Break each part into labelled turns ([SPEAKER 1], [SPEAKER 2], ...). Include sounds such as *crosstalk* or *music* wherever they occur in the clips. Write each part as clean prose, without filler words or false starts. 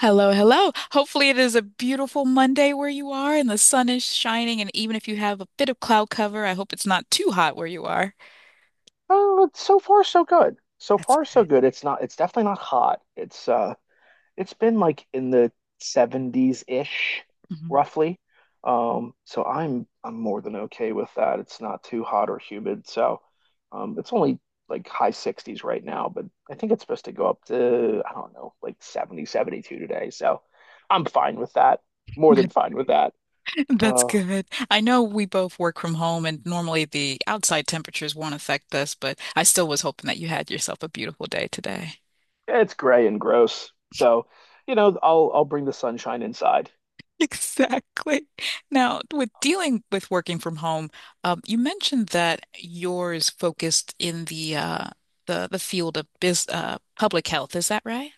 [SPEAKER 1] Hello, hello. Hopefully, it is a beautiful Monday where you are and the sun is shining. And even if you have a bit of cloud cover, I hope it's not too hot where you are.
[SPEAKER 2] Oh, so far so good. So
[SPEAKER 1] That's
[SPEAKER 2] far so
[SPEAKER 1] good.
[SPEAKER 2] good. It's definitely not hot. It's it's been like in the 70s-ish
[SPEAKER 1] Mhm.
[SPEAKER 2] roughly. So I'm more than okay with that. It's not too hot or humid. So it's only like high 60s right now, but I think it's supposed to go up to I don't know, like 70, 72 today. So I'm fine with that. More than
[SPEAKER 1] *laughs*
[SPEAKER 2] fine with that.
[SPEAKER 1] That's
[SPEAKER 2] Uh,
[SPEAKER 1] good. I know we both work from home and normally the outside temperatures won't affect us, but I still was hoping that you had yourself a beautiful day today. *laughs*
[SPEAKER 2] it's gray and gross. So, I'll bring the sunshine inside.
[SPEAKER 1] Exactly. Now, with dealing with working from home, you mentioned that yours focused in the the field of biz public health. Is that right?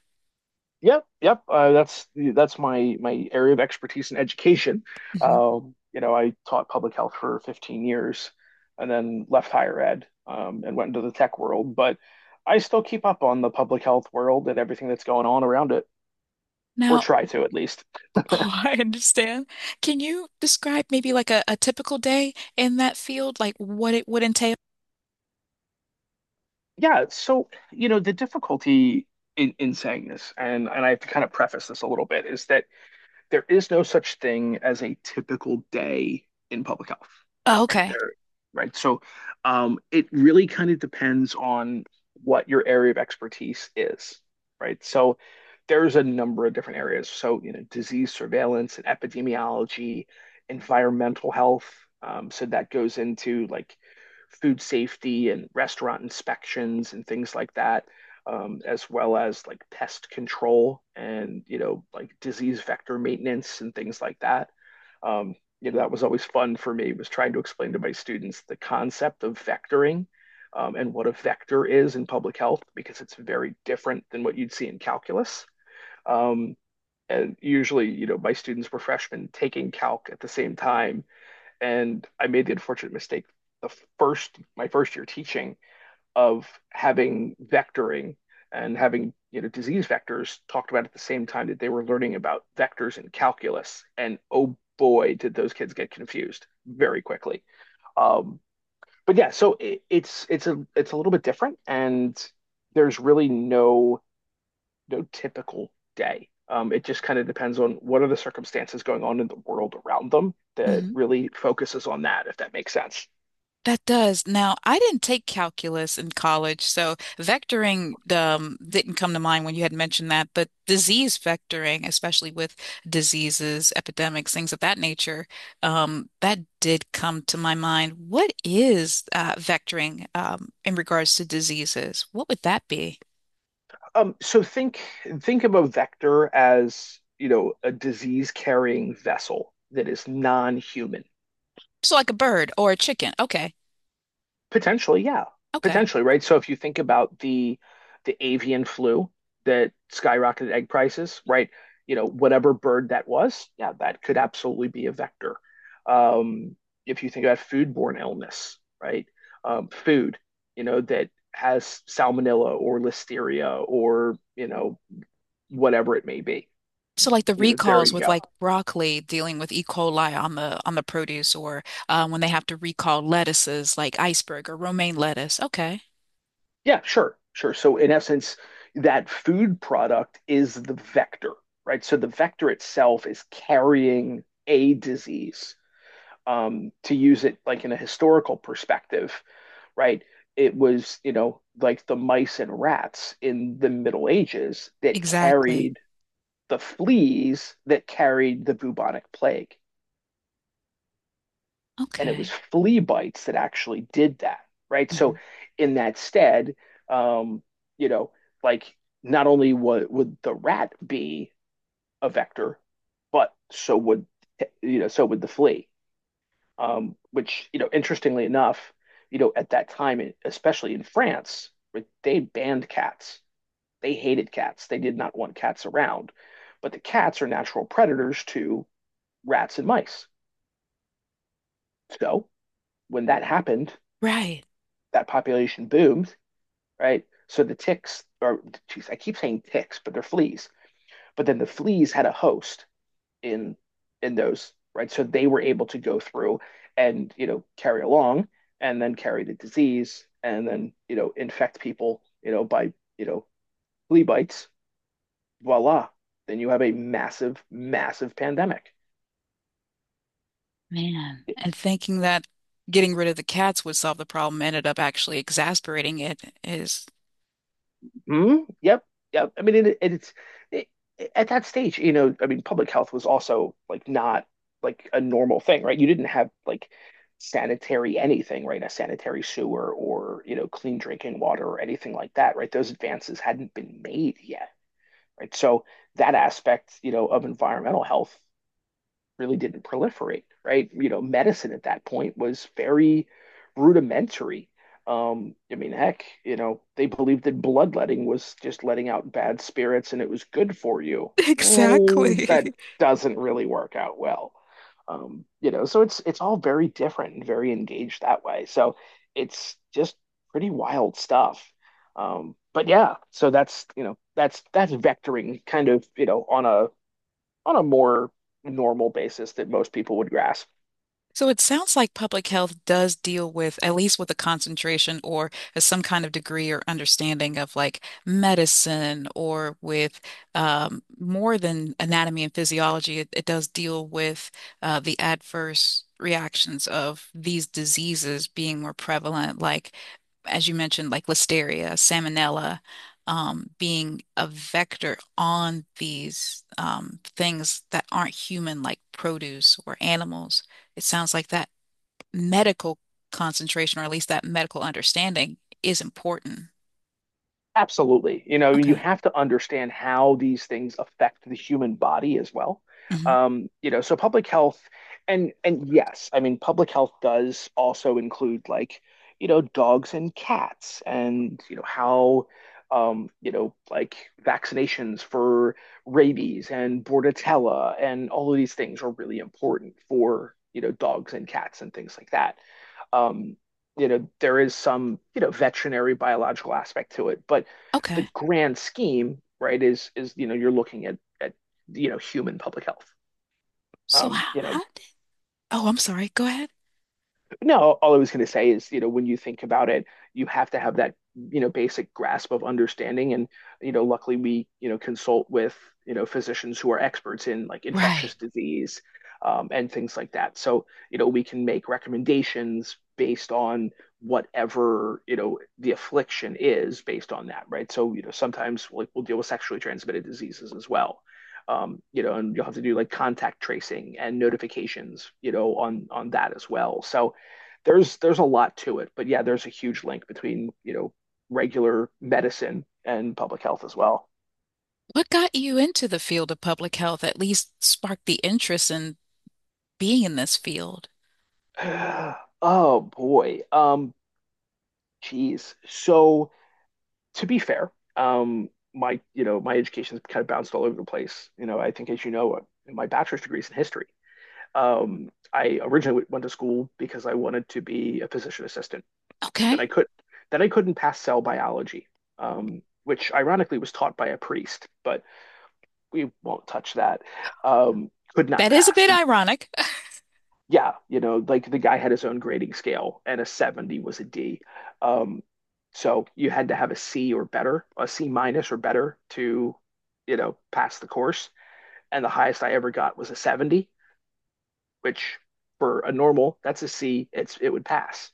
[SPEAKER 2] Yep, yep. That's my area of expertise in education.
[SPEAKER 1] Mhm.
[SPEAKER 2] I taught public health for 15 years, and then left higher ed and went into the tech world. But I still keep up on the public health world and everything that's going on around it, or
[SPEAKER 1] Now,
[SPEAKER 2] try to at least.
[SPEAKER 1] *laughs* oh, I understand. Can you describe maybe like a typical day in that field, like what it would entail?
[SPEAKER 2] Yeah. So the difficulty in saying this, and I have to kind of preface this a little bit, is that there is no such thing as a typical day in public health,
[SPEAKER 1] Oh,
[SPEAKER 2] right
[SPEAKER 1] okay.
[SPEAKER 2] there, right? So it really kind of depends on what your area of expertise is, right? So there's a number of different areas. So, disease surveillance and epidemiology, environmental health. So that goes into like food safety and restaurant inspections and things like that as well as like pest control and like disease vector maintenance and things like that. Um, that was always fun for me was trying to explain to my students the concept of vectoring, and what a vector is in public health because it's very different than what you'd see in calculus. Um, and usually, my students were freshmen taking calc at the same time, and I made the unfortunate mistake the first my first year teaching of having vectoring and having disease vectors talked about at the same time that they were learning about vectors in calculus, and oh boy did those kids get confused very quickly. um, but yeah, so it's a little bit different, and there's really no no typical day. It just kind of depends on what are the circumstances going on in the world around them that really focuses on that, if that makes sense.
[SPEAKER 1] That does. Now, I didn't take calculus in college, so vectoring didn't come to mind when you had mentioned that, but disease vectoring, especially with diseases, epidemics, things of that nature, that did come to my mind. What is vectoring in regards to diseases? What would that be?
[SPEAKER 2] Um, so think think of a vector as, a disease-carrying vessel that is non-human.
[SPEAKER 1] So, like a bird or a chicken. Okay.
[SPEAKER 2] Potentially, yeah.
[SPEAKER 1] Okay.
[SPEAKER 2] Potentially, right? So if you think about the avian flu that skyrocketed egg prices, right? You know, whatever bird that was, yeah, that could absolutely be a vector. Um, if you think about foodborne illness, right? Food, that has salmonella or listeria or, whatever it may be.
[SPEAKER 1] So like the
[SPEAKER 2] You know, there
[SPEAKER 1] recalls
[SPEAKER 2] you
[SPEAKER 1] with
[SPEAKER 2] go.
[SPEAKER 1] like broccoli dealing with E. coli on the produce or when they have to recall lettuces like iceberg or romaine lettuce. Okay.
[SPEAKER 2] Yeah, sure, sure. So in essence, that food product is the vector, right? So the vector itself is carrying a disease. To use it like in a historical perspective, right? It was, like the mice and rats in the Middle Ages that
[SPEAKER 1] Exactly.
[SPEAKER 2] carried the fleas that carried the bubonic plague. And it was
[SPEAKER 1] Okay.
[SPEAKER 2] flea bites that actually did that, right?
[SPEAKER 1] Hmm.
[SPEAKER 2] So in that stead, um, you know, like not only would the rat be a vector, but so would so would the flea. Which, interestingly enough, at that time, especially in France, right, they banned cats. They hated cats. They did not want cats around. But the cats are natural predators to rats and mice. So when that happened,
[SPEAKER 1] Right.
[SPEAKER 2] that population boomed, right? So the ticks, or geez, I keep saying ticks, but they're fleas. But then the fleas had a host in in those, right? So they were able to go through and carry along, and then carry the disease, and then infect people, by flea bites. Voila! Then you have a massive, massive pandemic.
[SPEAKER 1] Man. And thinking that getting rid of the cats would solve the problem ended up actually exasperating it is
[SPEAKER 2] Mm, yep, yep. I mean, it, at that stage, I mean, public health was also like not like a normal thing, right? You didn't have like sanitary anything, right? A sanitary sewer or, clean drinking water or anything like that, right? Those advances hadn't been made yet, right? So that aspect, of environmental health really didn't proliferate, right? You know, medicine at that point was very rudimentary. I mean, heck, they believed that bloodletting was just letting out bad spirits and it was good for you.
[SPEAKER 1] *laughs*
[SPEAKER 2] Well, that
[SPEAKER 1] exactly.
[SPEAKER 2] doesn't really work out well. So it's all very different and very engaged that way. So it's just pretty wild stuff. But yeah, so that's, that's vectoring kind of, on a more normal basis that most people would grasp.
[SPEAKER 1] So it sounds like public health does deal with, at least with a concentration or some kind of degree or understanding of like medicine or with more than anatomy and physiology. It does deal with the adverse reactions of these diseases being more prevalent, like as you mentioned, like listeria, salmonella, being a vector on these things that aren't human, like produce or animals, it sounds like that medical concentration, or at least that medical understanding, is important.
[SPEAKER 2] Absolutely. You know, you
[SPEAKER 1] Okay.
[SPEAKER 2] have to understand how these things affect the human body as well.
[SPEAKER 1] Hmm.
[SPEAKER 2] So public health and yes, I mean public health does also include like, dogs and cats and how like vaccinations for rabies and bordetella and all of these things are really important for, dogs and cats and things like that. um, there is some, veterinary biological aspect to it, but the
[SPEAKER 1] Okay.
[SPEAKER 2] grand scheme, right, is you know you're looking at you know human public health.
[SPEAKER 1] So
[SPEAKER 2] Um,
[SPEAKER 1] how,
[SPEAKER 2] you know,
[SPEAKER 1] how did, oh, I'm sorry. Go ahead.
[SPEAKER 2] No, all I was going to say is, when you think about it, you have to have that, basic grasp of understanding. And, luckily we, consult with, physicians who are experts in like
[SPEAKER 1] Right.
[SPEAKER 2] infectious disease, and things like that. So, we can make recommendations based on whatever, the affliction is based on that, right? So, sometimes like we'll deal with sexually transmitted diseases as well. And you'll have to do like contact tracing and notifications, on that as well. So, there's a lot to it, but yeah, there's a huge link between, regular medicine and public health as well.
[SPEAKER 1] What got you into the field of public health, at least sparked the interest in being in this field?
[SPEAKER 2] *sighs* Oh boy. Geez. So to be fair, my my education's kind of bounced all over the place. You know, I think as you know, my bachelor's degree is in history. I originally went to school because I wanted to be a physician assistant. Then I
[SPEAKER 1] Okay.
[SPEAKER 2] could then I couldn't pass cell biology, which ironically was taught by a priest, but we won't touch that. Could not
[SPEAKER 1] That is a
[SPEAKER 2] pass.
[SPEAKER 1] bit
[SPEAKER 2] Like,
[SPEAKER 1] ironic. *laughs*
[SPEAKER 2] yeah, like the guy had his own grading scale, and a 70 was a D. Um, so you had to have a C or better, a C minus or better to, pass the course. And the highest I ever got was a 70, which for a normal, that's a C. It would pass,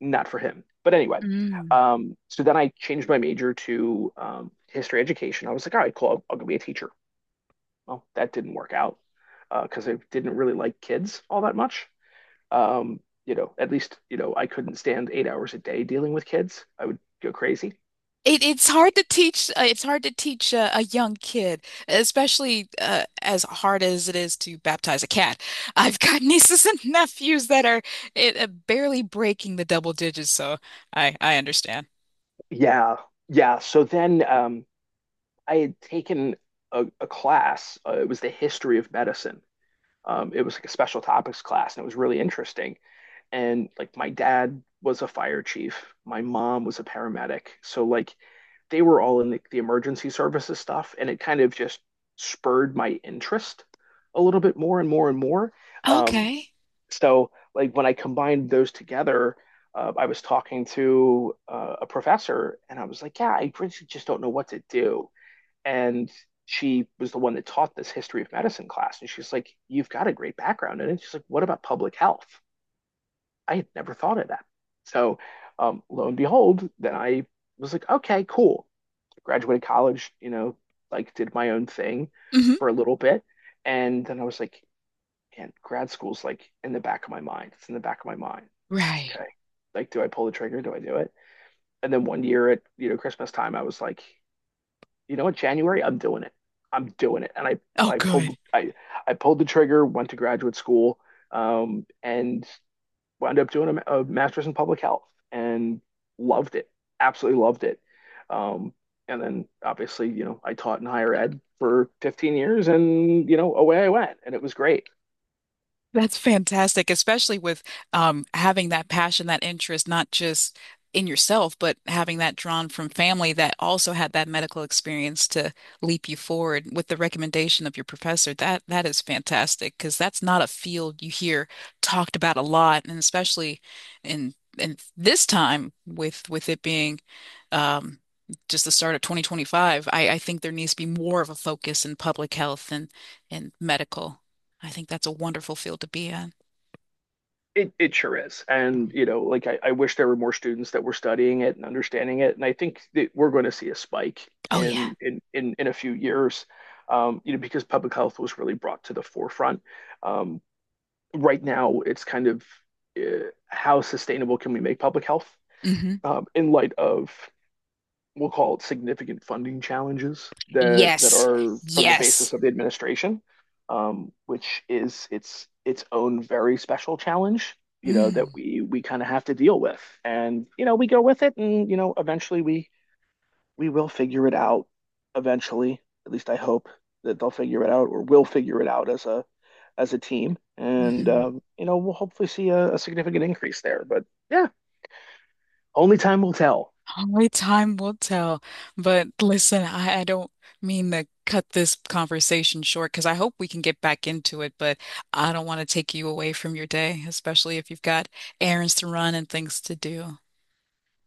[SPEAKER 2] not for him. But anyway,
[SPEAKER 1] Mm.
[SPEAKER 2] so then I changed my major to history education. I was like, all right, cool, I'll go be a teacher. Well, that didn't work out because I didn't really like kids all that much. You know, at least, I couldn't stand 8 hours a day dealing with kids. I would go crazy.
[SPEAKER 1] It, it's hard to teach. It's hard to teach a young kid, especially as hard as it is to baptize a cat. *laughs* I've got nieces and nephews that are it, barely breaking the double digits, so I understand.
[SPEAKER 2] Yeah. Yeah. So then I had taken a class. It was the history of medicine. It was like a special topics class, and it was really interesting. And like my dad was a fire chief, my mom was a paramedic. So like they were all in the emergency services stuff, and it kind of just spurred my interest a little bit more and more and more. Um,
[SPEAKER 1] Okay.
[SPEAKER 2] so, like when I combined those together, I was talking to a professor, and I was like, "Yeah, I really just don't know what to do." And she was the one that taught this history of medicine class, and she's like, "You've got a great background in it." She's like, "What about public health?" I had never thought of that. So, lo and behold, then I was like, "Okay, cool." Graduated college, like did my own thing
[SPEAKER 1] Hmm.
[SPEAKER 2] for a little bit. And then I was like, man, grad school's like in the back of my mind. It's in the back of my mind.
[SPEAKER 1] Right.
[SPEAKER 2] Okay. Like, do I pull the trigger? Do I do it? And then one year at, Christmas time, I was like, you know what, January, I'm doing it. I'm doing it. And
[SPEAKER 1] Oh,
[SPEAKER 2] I
[SPEAKER 1] good.
[SPEAKER 2] pulled I I pulled the trigger, went to graduate school, and wound up doing a master's in public health and loved it, absolutely loved it. Um, and then obviously, I taught in higher ed for 15 years and, away I went and it was great.
[SPEAKER 1] That's fantastic, especially with having that passion, that interest, not just in yourself, but having that drawn from family that also had that medical experience to leap you forward with the recommendation of your professor. That is fantastic because that's not a field you hear talked about a lot, and especially in this time with it being um, just the start of 2025. I think there needs to be more of a focus in public health and medical. I think that's a wonderful field to be in.
[SPEAKER 2] It sure is.
[SPEAKER 1] Mm-hmm.
[SPEAKER 2] And, like I wish there were more students that were studying it and understanding it. And I think that we're going to see a spike
[SPEAKER 1] Oh yeah.
[SPEAKER 2] in a few years, because public health was really brought to the forefront. Um, right now, it's kind of uh, how sustainable can we make public health?
[SPEAKER 1] Hmm.
[SPEAKER 2] In light of we'll call it significant funding challenges that
[SPEAKER 1] Yes.
[SPEAKER 2] are from the basis
[SPEAKER 1] Yes.
[SPEAKER 2] of the administration, which is its own very special challenge. You know
[SPEAKER 1] Mm.
[SPEAKER 2] that we kind of have to deal with, and you know we go with it, and you know eventually we will figure it out. Eventually, at least I hope that they'll figure it out, or we'll figure it out as a team, and
[SPEAKER 1] Mm-hmm.
[SPEAKER 2] you know we'll hopefully see a significant increase there. But yeah, only time will tell.
[SPEAKER 1] Only time will tell. But listen, I don't mean to cut this conversation short because I hope we can get back into it, but I don't want to take you away from your day, especially if you've got errands to run and things to do.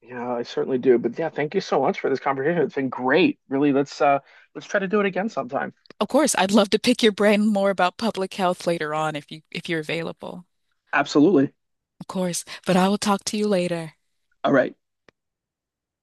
[SPEAKER 2] Yeah, I certainly do. But yeah, thank you so much for this conversation. It's been great. Really, let's let's try to do it again sometime.
[SPEAKER 1] Of course, I'd love to pick your brain more about public health later on if you if you're available.
[SPEAKER 2] Absolutely.
[SPEAKER 1] Of course, but I will talk to you later.
[SPEAKER 2] All right.